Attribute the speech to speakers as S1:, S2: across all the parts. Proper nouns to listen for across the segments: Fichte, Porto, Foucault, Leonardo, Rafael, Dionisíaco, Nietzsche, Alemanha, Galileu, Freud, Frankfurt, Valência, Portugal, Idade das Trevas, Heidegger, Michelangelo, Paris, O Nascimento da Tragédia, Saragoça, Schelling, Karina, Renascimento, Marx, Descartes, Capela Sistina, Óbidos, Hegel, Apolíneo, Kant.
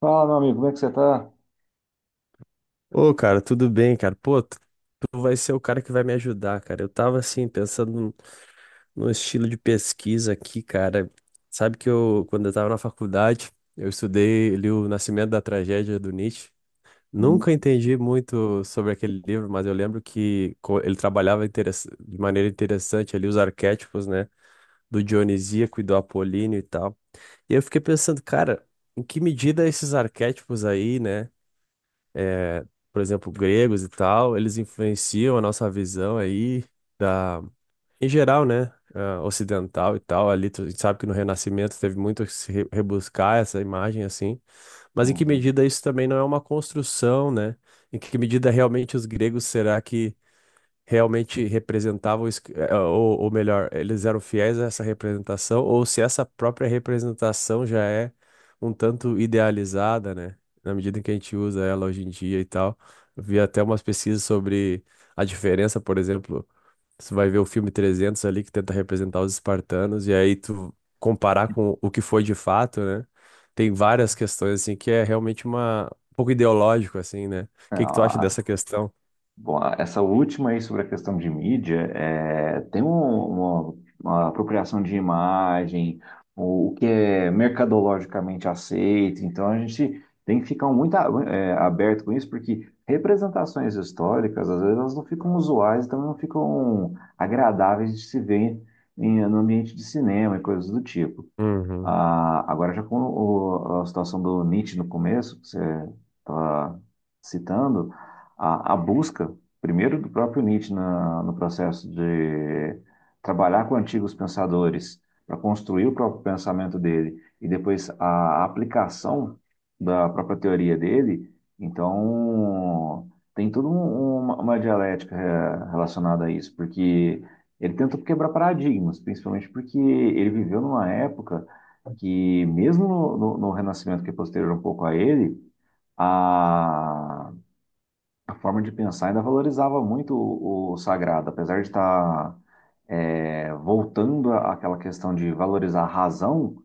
S1: Fala, meu amigo, como é que você tá?
S2: Ô, cara, tudo bem, cara? Pô, tu vai ser o cara que vai me ajudar, cara. Eu tava assim, pensando num estilo de pesquisa aqui, cara. Sabe que eu, quando eu tava na faculdade, eu estudei li O Nascimento da Tragédia do Nietzsche.
S1: Hum,
S2: Nunca entendi muito sobre aquele livro, mas eu lembro que ele trabalhava de maneira interessante ali os arquétipos, né? Do Dionisíaco e do Apolíneo e tal. E eu fiquei pensando, cara, em que medida esses arquétipos aí, né? É, por exemplo, gregos e tal, eles influenciam a nossa visão aí da, em geral, né, ocidental e tal. Ali a gente sabe que no Renascimento teve muito que se rebuscar essa imagem assim, mas em que
S1: hum.
S2: medida isso também não é uma construção, né? Em que medida realmente os gregos será que realmente representavam, ou melhor, eles eram fiéis a essa representação, ou se essa própria representação já é um tanto idealizada, né? Na medida em que a gente usa ela hoje em dia e tal. Eu vi até umas pesquisas sobre a diferença, por exemplo, você vai ver o filme 300 ali que tenta representar os espartanos, e aí tu comparar com o que foi de fato, né? Tem várias questões, assim, que é realmente uma um pouco ideológico, assim, né? O que que tu acha
S1: Ah,
S2: dessa questão?
S1: bom, essa última aí sobre a questão de mídia, é, tem uma apropriação de imagem, o que é mercadologicamente aceito, então a gente tem que ficar muito aberto com isso, porque representações históricas, às vezes, elas não ficam usuais, também não ficam agradáveis de se ver em, no ambiente de cinema e coisas do tipo.
S2: Uhum,
S1: Ah, agora, já com a situação do Nietzsche no começo, que você estava citando, a busca, primeiro, do próprio Nietzsche na, no processo de trabalhar com antigos pensadores para construir o próprio pensamento dele e depois a aplicação da própria teoria dele, então tem toda uma dialética relacionada a isso, porque ele tentou quebrar paradigmas, principalmente porque ele viveu numa época que mesmo no Renascimento que é posterior um pouco a ele, a, a forma de pensar ainda valorizava muito o sagrado, apesar de estar voltando àquela questão de valorizar a razão,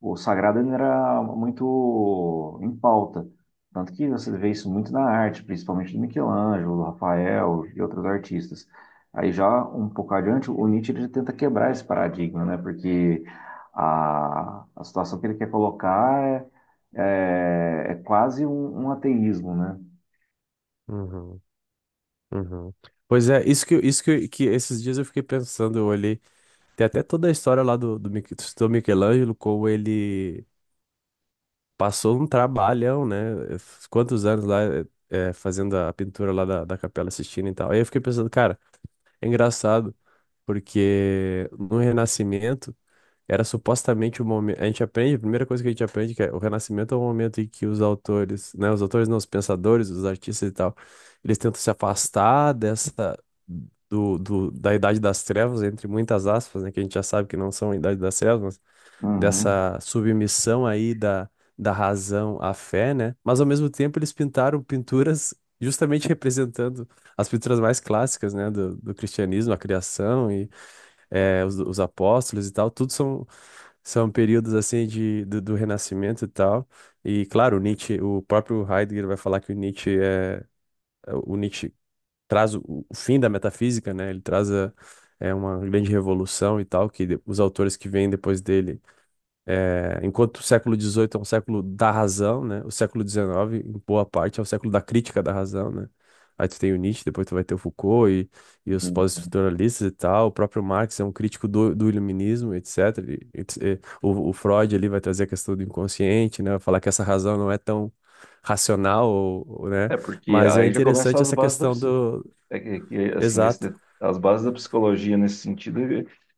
S1: o sagrado ainda era muito em pauta. Tanto que você vê isso muito na arte, principalmente do Michelangelo, do Rafael e outros artistas. Aí já um pouco adiante, o Nietzsche ele tenta quebrar esse paradigma, né? Porque a situação que ele quer colocar é quase um ateísmo, né?
S2: uhum. Uhum. Pois é, que esses dias eu fiquei pensando, eu olhei, tem até toda a história lá do Michelangelo, como ele passou um trabalhão, né? eh, Quantos anos lá fazendo a pintura lá da Capela Sistina e tal. Aí eu fiquei pensando, cara, é engraçado, porque no Renascimento era supostamente o momento. A gente aprende, a primeira coisa que a gente aprende que é o Renascimento é o momento em que os autores, né, os autores não, os pensadores, os artistas e tal, eles tentam se afastar dessa da Idade das Trevas, entre muitas aspas, né, que a gente já sabe que não são a Idade das Trevas, mas
S1: Uhum.
S2: dessa submissão aí da razão à fé, né? Mas ao mesmo tempo eles pintaram pinturas justamente representando as pinturas mais clássicas, né, do cristianismo, a criação e os apóstolos e tal, tudo são são períodos assim do Renascimento e tal. E claro, o Nietzsche, o próprio Heidegger vai falar que o Nietzsche traz o fim da metafísica, né? Ele traz é uma grande revolução e tal que os autores que vêm depois dele enquanto o século XVIII é um século da razão, né? O século XIX, em boa parte, é o século da crítica da razão, né? Aí tu tem o Nietzsche, depois tu vai ter o Foucault e os pós-estruturalistas e tal. O próprio Marx é um crítico do iluminismo, etc. O Freud ali vai trazer a questão do inconsciente, né? Vai falar que essa razão não é tão racional, né?
S1: É porque
S2: Mas é
S1: aí já começa
S2: interessante
S1: as
S2: essa
S1: bases da.
S2: questão do.
S1: Assim,
S2: Exato,
S1: nesse, as bases da psicologia nesse sentido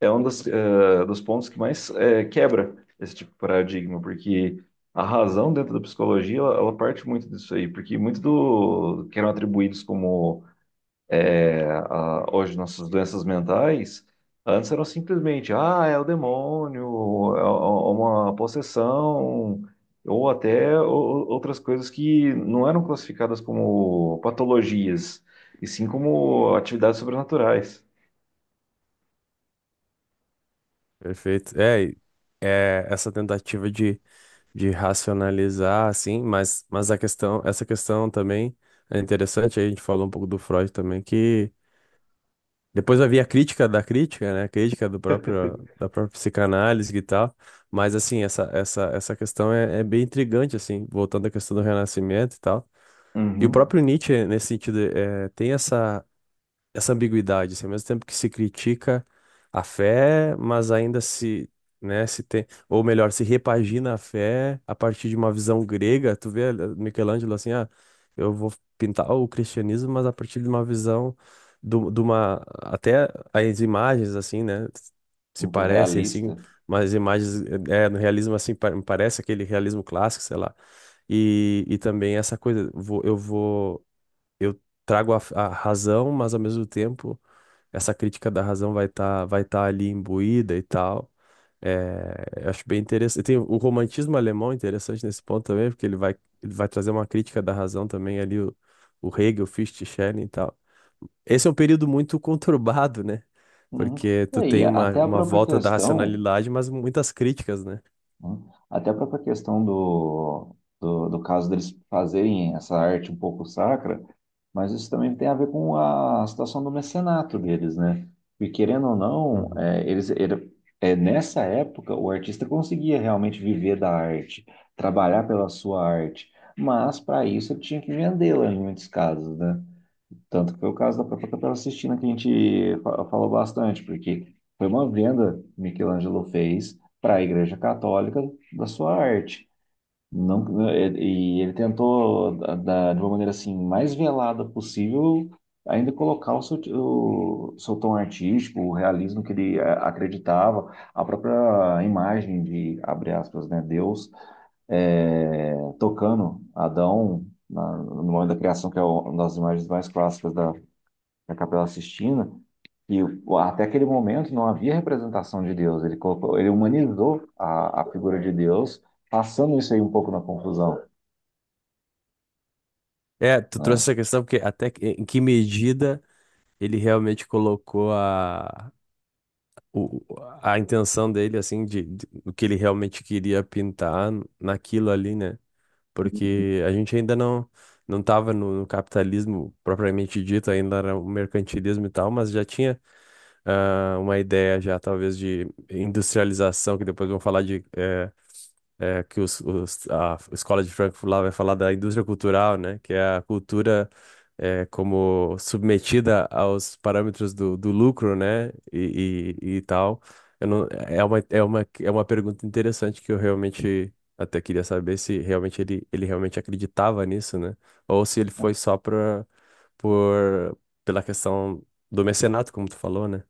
S1: é um dos pontos que mais quebra esse tipo de paradigma, porque a razão dentro da psicologia, ela parte muito disso aí, porque muito do que eram atribuídos como é, hoje nossas doenças mentais, antes eram simplesmente, ah, é o demônio, é uma possessão, ou até outras coisas que não eram classificadas como patologias, e sim como atividades sobrenaturais.
S2: perfeito. É essa tentativa de racionalizar, assim, mas essa questão também é interessante, aí a gente falou um pouco do Freud também, que depois havia a crítica da crítica, né, a crítica da própria psicanálise e tal, mas, assim, essa questão é bem intrigante, assim, voltando à questão do renascimento e tal, e o
S1: Uhum.
S2: próprio Nietzsche, nesse sentido, é, tem essa ambiguidade, assim, ao mesmo tempo que se critica a fé, mas ainda se, né, se tem, ou melhor, se repagina a fé a partir de uma visão grega. Tu vê Michelangelo assim, ah, eu vou pintar o cristianismo, mas a partir de uma visão do, de uma até as imagens assim, né, se
S1: Muito
S2: parece assim,
S1: realista.
S2: mas as imagens é no realismo assim parece aquele realismo clássico, sei lá. E também essa coisa, vou eu trago a razão, mas ao mesmo tempo essa crítica da razão vai tá ali imbuída e tal. É, eu acho bem interessante. Tem o romantismo alemão interessante nesse ponto também, porque ele vai trazer uma crítica da razão também ali, o Hegel, Fichte, Schelling e tal. Esse é um período muito conturbado, né?
S1: Uhum.
S2: Porque
S1: E
S2: tu
S1: aí,
S2: tem
S1: até a
S2: uma
S1: própria
S2: volta da
S1: questão.
S2: racionalidade, mas muitas críticas, né?
S1: Hum. Até a própria questão do caso deles fazerem essa arte um pouco sacra, mas isso também tem a ver com a situação do mecenato deles, né? E querendo ou não,
S2: Uhum.
S1: nessa época o artista conseguia realmente viver da arte, trabalhar pela sua arte, mas para isso ele tinha que vendê-la em muitos casos, né? Tanto que foi o caso da própria Capela Sistina que a gente falou bastante, porque foi uma venda que Michelangelo fez para a Igreja Católica da sua arte. Não, é, e ele tentou, de uma maneira assim, mais velada possível, ainda colocar o seu tom artístico, o realismo que ele acreditava, a própria imagem de, abre aspas, né, Deus eh, tocando Adão no momento da criação, que é uma das imagens mais clássicas da, na Capela Sistina, e até aquele momento não havia representação de Deus. Ele colocou, ele humanizou a figura de Deus, passando isso aí um pouco na confusão,
S2: É, tu trouxe
S1: né?
S2: essa questão porque em que medida ele realmente colocou o, a intenção dele, assim, do que ele realmente queria pintar naquilo ali, né? Porque a gente ainda não estava no capitalismo propriamente dito, ainda era o mercantilismo e tal, mas já tinha ah, uma ideia já, talvez, de industrialização, que depois vão falar de a escola de Frankfurt lá vai falar da indústria cultural, né? Que é a cultura é, como submetida aos parâmetros do lucro, né? E tal. Eu não, é uma pergunta interessante que eu realmente até queria saber se realmente ele realmente acreditava nisso, né? Ou se ele foi só por, pela questão do mecenato, como tu falou, né?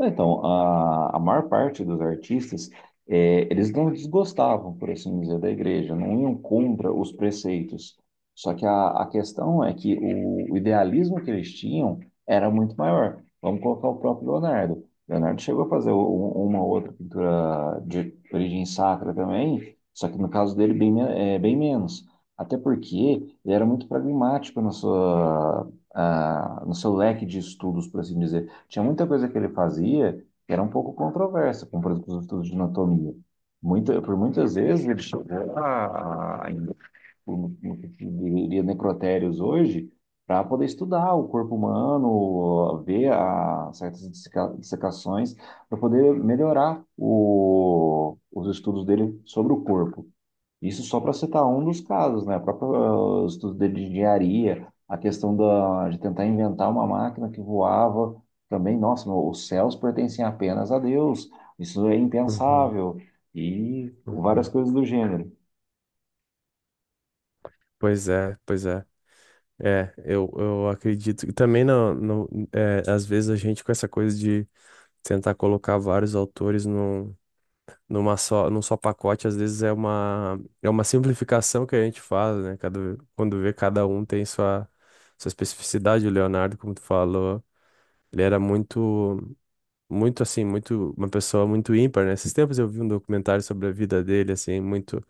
S1: É, então, a maior parte dos artistas, eles não desgostavam, por assim dizer, da igreja, não iam contra os preceitos. Só que a questão é que o idealismo que eles tinham era muito maior. Vamos colocar o próprio Leonardo. Leonardo chegou a fazer uma outra pintura de origem sacra também, só que no caso dele, bem, bem menos. Até porque ele era muito pragmático na sua, ah, no seu leque de estudos, por assim dizer. Tinha muita coisa que ele fazia que era um pouco controversa, como por exemplo os estudos de anatomia. Muita, por muitas vezes ele chegou no que se diria necrotérios hoje para poder estudar o corpo humano, ver a, certas dissecações, para poder melhorar os estudos dele sobre o corpo. Isso só para citar um dos casos, né? O próprio estudo de engenharia, a questão da, de tentar inventar uma máquina que voava também, nossa, meu, os céus pertencem apenas a Deus, isso é
S2: Uhum,
S1: impensável, e várias
S2: uhum.
S1: coisas do gênero.
S2: Pois é, pois é. Eu acredito. E também, não, não, é, às vezes, a gente com essa coisa de tentar colocar vários autores num, num só pacote, às vezes é uma simplificação que a gente faz, né? Cada, quando vê cada um tem sua especificidade. O Leonardo, como tu falou, ele era muito, muito assim, muito, uma pessoa muito ímpar, né? Esses tempos eu vi um documentário sobre a vida dele, assim, muito.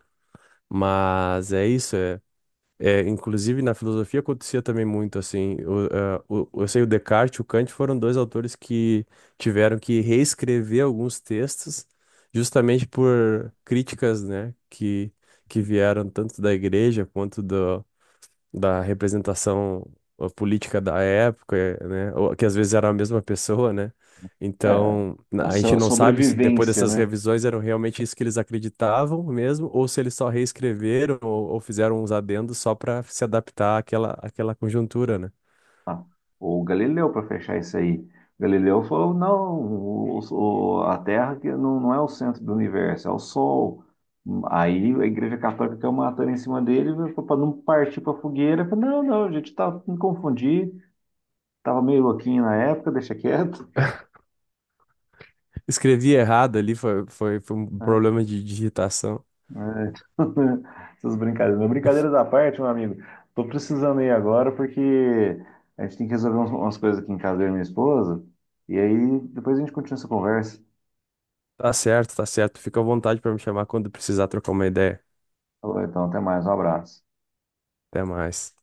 S2: Mas é isso, inclusive na filosofia acontecia também muito assim. Eu sei o Descartes e o Kant foram dois autores que tiveram que reescrever alguns textos justamente por críticas, né, que vieram tanto da igreja quanto da representação política da época, né? Ou, que às vezes era a mesma pessoa, né?
S1: É,
S2: Então,
S1: a
S2: a gente não sabe se depois
S1: sobrevivência,
S2: dessas
S1: né?
S2: revisões eram realmente isso que eles acreditavam mesmo, ou se eles só reescreveram ou fizeram uns adendos só para se adaptar àquela conjuntura, né?
S1: Tá? O Galileu para fechar isso aí. Galileu falou, não, a Terra que não, não é o centro do universo, é o Sol. Aí a Igreja Católica caiu matando em cima dele para não partir para fogueira. Falou, não, não, a gente tá, me confundi, tava meio louquinho na época, deixa quieto.
S2: Escrevi errado ali, foi um
S1: É,
S2: problema de digitação.
S1: é. Essas brincadeiras. Mas brincadeiras à parte, meu amigo. Tô precisando ir agora porque a gente tem que resolver umas coisas aqui em casa eu e minha esposa. E aí depois a gente continua essa conversa.
S2: Tá certo, tá certo. Fica à vontade para me chamar quando precisar trocar uma ideia.
S1: Falou então, até mais, um abraço.
S2: Até mais.